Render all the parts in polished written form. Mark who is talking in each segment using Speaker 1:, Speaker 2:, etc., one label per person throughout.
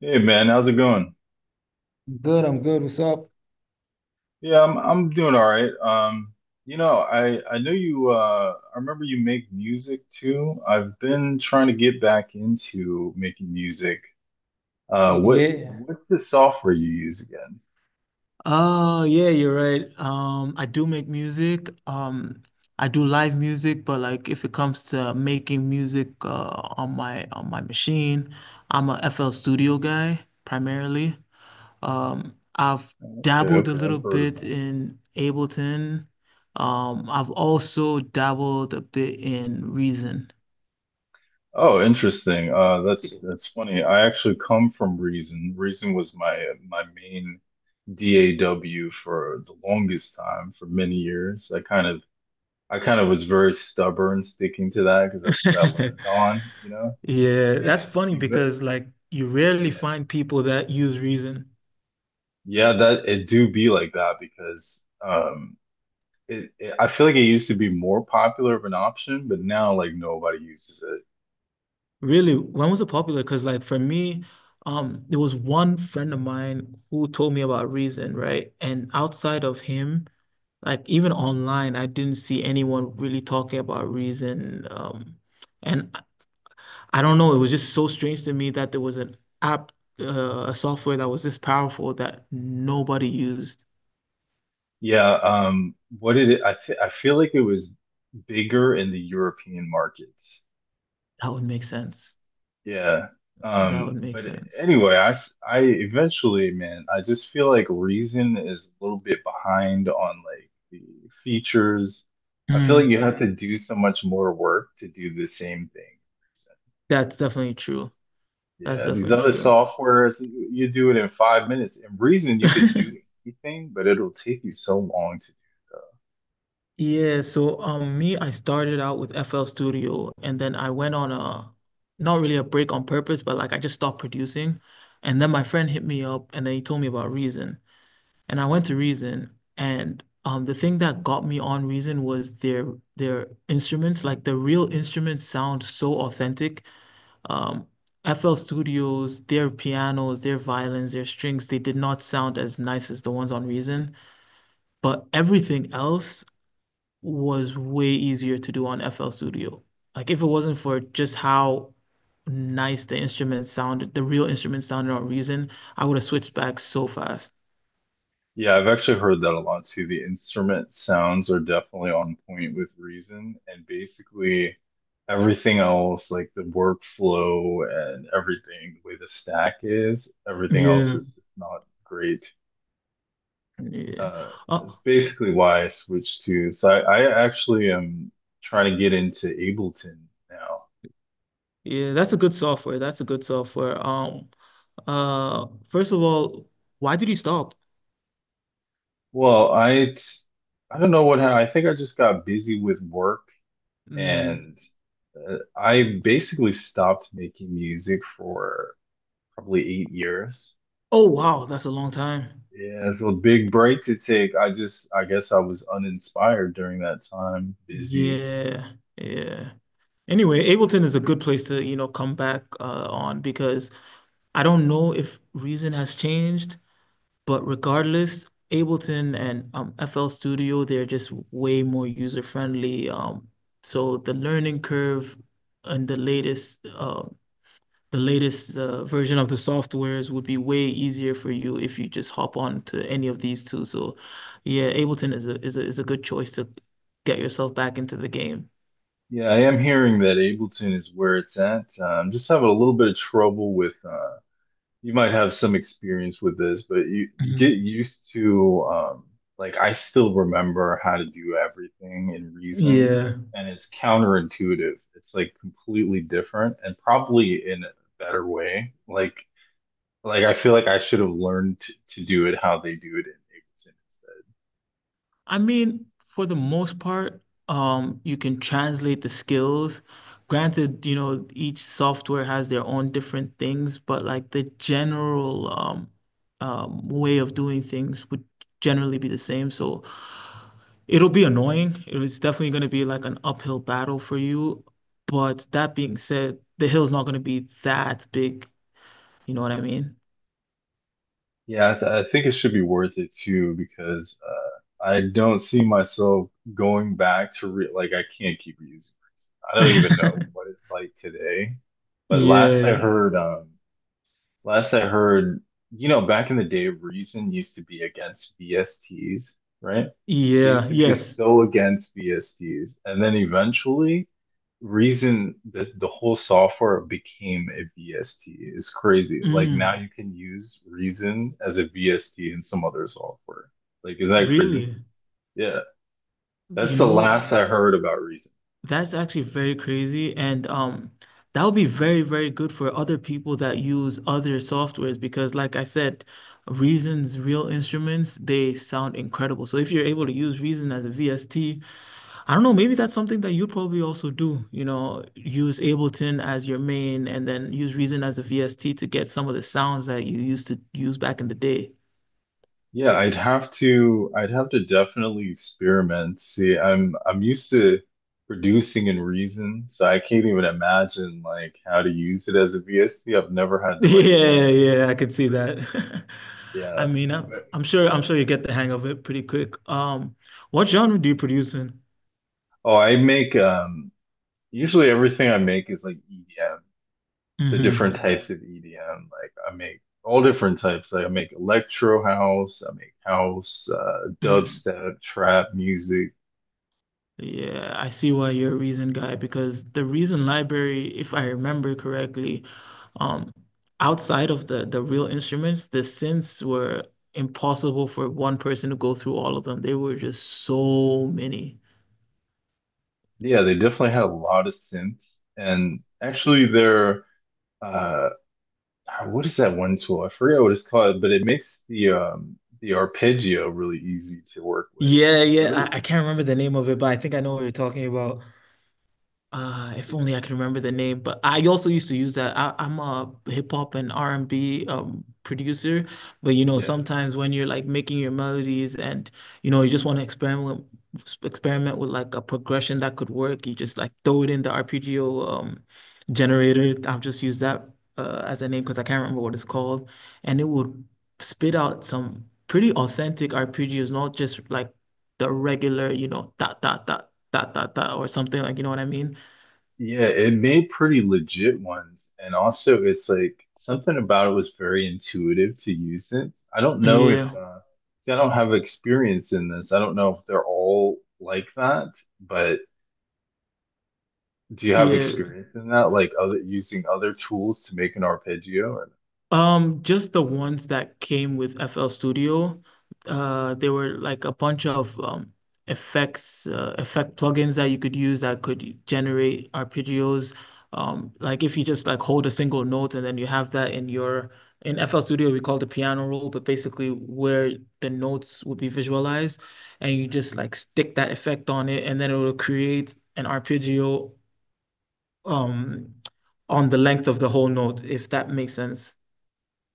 Speaker 1: Hey man, how's it going?
Speaker 2: Good, I'm good. What's up?
Speaker 1: Yeah, I'm doing all right. I know you I remember you make music too. I've been trying to get back into making music. Uh what
Speaker 2: Yeah.
Speaker 1: what's the software you use again?
Speaker 2: Oh, yeah, you're right. I do make music. I do live music, but like if it comes to making music on my machine, I'm a FL Studio guy primarily. I've
Speaker 1: Okay,
Speaker 2: dabbled a
Speaker 1: okay,
Speaker 2: little
Speaker 1: I've heard of
Speaker 2: bit
Speaker 1: that.
Speaker 2: in Ableton. I've also dabbled a bit in Reason.
Speaker 1: Oh, interesting. That's funny. I actually come from Reason. Reason was my main DAW for the longest time, for many years. I kind of was very stubborn sticking to that because that's what I learned on, you know?
Speaker 2: Yeah, that's
Speaker 1: And
Speaker 2: funny
Speaker 1: even-
Speaker 2: because like you rarely
Speaker 1: yeah.
Speaker 2: find people that use reason.
Speaker 1: Yeah, that it do be like that because it, it I feel like it used to be more popular of an option, but now like nobody uses it.
Speaker 2: Really, when was it popular? Because like for me, there was one friend of mine who told me about reason, right? And outside of him, like even online, I didn't see anyone really talking about reason. And I don't know, it was just so strange to me that there was an app, a software that was this powerful that nobody used.
Speaker 1: Yeah, what did it I th I feel like it was bigger in the European markets.
Speaker 2: That would make sense.
Speaker 1: Yeah.
Speaker 2: That would make
Speaker 1: But
Speaker 2: sense.
Speaker 1: anyway, I eventually, man, I just feel like Reason is a little bit behind on like the features. I feel like you have to do so much more work to do the same thing.
Speaker 2: That's definitely true. That's
Speaker 1: Yeah, these
Speaker 2: definitely
Speaker 1: other
Speaker 2: true.
Speaker 1: softwares, you do it in 5 minutes. In Reason, you could do anything, but it'll take you so long to do.
Speaker 2: Yeah, so me, I started out with FL Studio and then I went on a not really a break on purpose, but like I just stopped producing. And then my friend hit me up and then he told me about Reason. And I went to Reason and the thing that got me on Reason was their instruments, like the real instruments sound so authentic. Um FL Studios, their pianos, their violins, their strings, they did not sound as nice as the ones on Reason. But everything else was way easier to do on FL Studio. Like if it wasn't for just how nice the instrument sounded, the real instrument sounded on Reason, I would have switched back so fast.
Speaker 1: Yeah, I've actually heard that a lot too. The instrument sounds are definitely on point with Reason, and basically everything else, like the workflow and everything, the way the stack is, everything else
Speaker 2: Yeah.
Speaker 1: is just not great.
Speaker 2: Yeah.
Speaker 1: Uh, it's
Speaker 2: Oh,
Speaker 1: basically why I switched to. So I actually am trying to get into Ableton now.
Speaker 2: yeah, that's a good software. That's a good software. First of all, why did you stop?
Speaker 1: Well, I don't know what happened. I think I just got busy with work
Speaker 2: Mm.
Speaker 1: and I basically stopped making music for probably 8 years.
Speaker 2: Oh, wow, that's a long time.
Speaker 1: Yeah, so a big break to take. I just, I guess I was uninspired during that time, busy.
Speaker 2: Yeah, yeah. Anyway, Ableton is a good place to, you know, come back on because I don't know if reason has changed, but regardless, Ableton and FL Studio, they're just way more user friendly. So the learning curve and the latest version of the softwares would be way easier for you if you just hop on to any of these two. So yeah, Ableton is a good choice to get yourself back into the game.
Speaker 1: Yeah, I am hearing that Ableton is where it's at. Just having a little bit of trouble with you might have some experience with this, but you get
Speaker 2: Mhm.
Speaker 1: used to like I still remember how to do everything in Reason,
Speaker 2: Yeah.
Speaker 1: and it's counterintuitive. It's like completely different and probably in a better way. Like I feel like I should have learned to do it how they do it in Ableton.
Speaker 2: I mean, for the most part, you can translate the skills. Granted, you know, each software has their own different things, but like the general way of doing things would generally be the same. So it'll be annoying. It's definitely going to be like an uphill battle for you. But that being said, the hill's not going to be that big. You know what I mean?
Speaker 1: Yeah, I think it should be worth it too because I don't see myself going back to re like I can't keep reusing. Resin. I don't even know what it's like today, but last I
Speaker 2: Yeah.
Speaker 1: heard, last I heard, you know, back in the day, Reason used to be against VSTs, right? They
Speaker 2: Yeah.
Speaker 1: used to be
Speaker 2: Yes.
Speaker 1: so against VSTs. And then eventually, Reason, the whole software became a VST. It's crazy. Like now
Speaker 2: Mm,
Speaker 1: you can use Reason as a VST in some other software. Like, isn't that crazy?
Speaker 2: really.
Speaker 1: Yeah. That's
Speaker 2: You
Speaker 1: the
Speaker 2: know,
Speaker 1: last I heard about Reason.
Speaker 2: that's actually very crazy. And that would be very, very good for other people that use other softwares because, like I said, Reason's real instruments, they sound incredible. So if you're able to use Reason as a VST, I don't know, maybe that's something that you'd probably also do. You know, use Ableton as your main and then use Reason as a VST to get some of the sounds that you used to use back in the day.
Speaker 1: Yeah, I'd have to definitely experiment. See, I'm used to producing in Reason, so I can't even imagine like how to use it as a VST. I've never had to like think
Speaker 2: Yeah,
Speaker 1: like
Speaker 2: yeah, I could
Speaker 1: that
Speaker 2: see
Speaker 1: word.
Speaker 2: that.
Speaker 1: Yeah.
Speaker 2: I mean,
Speaker 1: But
Speaker 2: I'm sure you get the hang of it pretty quick. What genre do you produce in?
Speaker 1: oh, I make usually everything I make is like EDM. So different
Speaker 2: Mm-hmm.
Speaker 1: types of EDM. Like I make all different types. Like I make electro house, I make house, dubstep, trap music.
Speaker 2: Yeah, I see why you're a reason guy because the reason library, if I remember correctly, um, outside of the real instruments, the synths were impossible for one person to go through all of them. They were just so many.
Speaker 1: Yeah, they definitely had a lot of synths, and actually, their uh, what is that one tool? I forget what it's called, but it makes the arpeggio really easy to work with.
Speaker 2: Yeah,
Speaker 1: It was,
Speaker 2: yeah, I can't remember the name of it, but I think I know what you're talking about. If only I can remember the name, but I also used to use that. I'm a hip hop and R&B producer, but you know,
Speaker 1: yeah,
Speaker 2: sometimes when you're like making your melodies and you know, you just want to experiment with like a progression that could work, you just like throw it in the arpeggio generator. I've just used that as a name because I can't remember what it's called, and it would spit out some pretty authentic arpeggios, not just like the regular, you know, dot dot dot dot dot dot or something like you know what I mean?
Speaker 1: yeah, it made pretty legit ones, and also it's like something about it was very intuitive to use it. I don't know if
Speaker 2: Yeah,
Speaker 1: see, I don't have experience in this. I don't know if they're all like that, but do you have
Speaker 2: yeah.
Speaker 1: experience in that, like other using other tools to make an arpeggio? Or...
Speaker 2: Just the ones that came with FL Studio, they were like a bunch of effect plugins that you could use that could generate arpeggios. Like if you just like hold a single note and then you have that in your in FL Studio we call it the piano roll, but basically where the notes would be visualized, and you just like stick that effect on it, and then it will create an arpeggio. Um, on the length of the whole note, if that makes sense.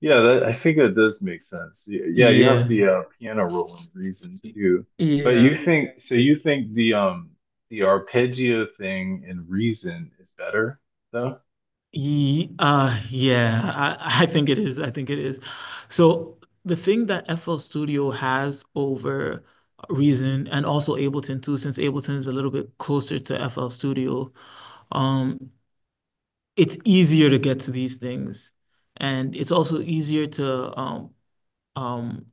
Speaker 1: Yeah, that, I think that does make sense. Yeah, you have
Speaker 2: Yeah.
Speaker 1: the piano role in reason too, but you
Speaker 2: Yeah.
Speaker 1: think so? You think the arpeggio thing in reason is better though?
Speaker 2: I think it is. I think it is. So the thing that FL Studio has over Reason and also Ableton too, since Ableton is a little bit closer to FL Studio, um, it's easier to get to these things. And it's also easier to um,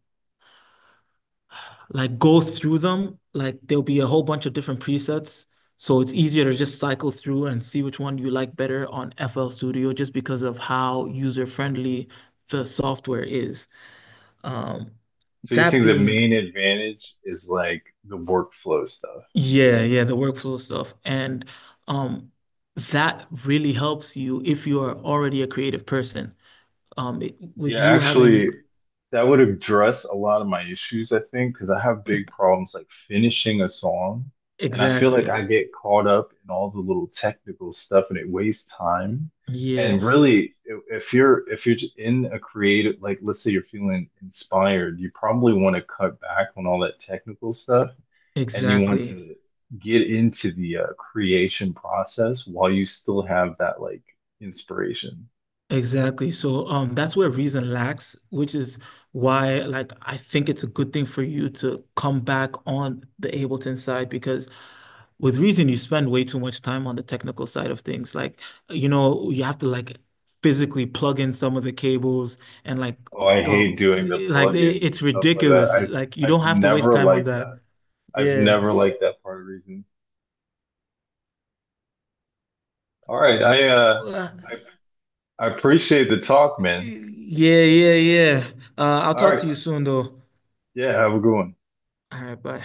Speaker 2: like go through them. Like there'll be a whole bunch of different presets. So it's easier to just cycle through and see which one you like better on FL Studio just because of how user-friendly the software is. Um,
Speaker 1: So you
Speaker 2: that
Speaker 1: think the
Speaker 2: being,
Speaker 1: main advantage is like the workflow stuff,
Speaker 2: yeah,
Speaker 1: right?
Speaker 2: yeah, the workflow stuff. And um, that really helps you if you are already a creative person. With
Speaker 1: Yeah,
Speaker 2: you having,
Speaker 1: actually, that would address a lot of my issues, I think, because I have big problems like finishing a song. And I feel like
Speaker 2: exactly.
Speaker 1: I get caught up in all the little technical stuff and it wastes time.
Speaker 2: Yeah,
Speaker 1: And really, if in a creative, like let's say you're feeling inspired, you probably want to cut back on all that technical stuff and you want
Speaker 2: exactly.
Speaker 1: to get into the creation process while you still have that like inspiration.
Speaker 2: Exactly. So that's where reason lacks, which is why like I think it's a good thing for you to come back on the Ableton side because with reason you spend way too much time on the technical side of things. Like, you know, you have to like physically plug in some of the cables and like
Speaker 1: Oh, I hate doing the
Speaker 2: like
Speaker 1: plugins and
Speaker 2: it's
Speaker 1: stuff like that.
Speaker 2: ridiculous. Like you
Speaker 1: I've
Speaker 2: don't have to waste
Speaker 1: never
Speaker 2: time on
Speaker 1: liked
Speaker 2: that.
Speaker 1: that. I've
Speaker 2: Yeah.
Speaker 1: never liked that part of reason. All right,
Speaker 2: Uh,
Speaker 1: I, I appreciate the talk, man.
Speaker 2: yeah. I'll
Speaker 1: All
Speaker 2: talk
Speaker 1: right.
Speaker 2: to you soon though.
Speaker 1: Yeah, have a good one.
Speaker 2: All right, bye.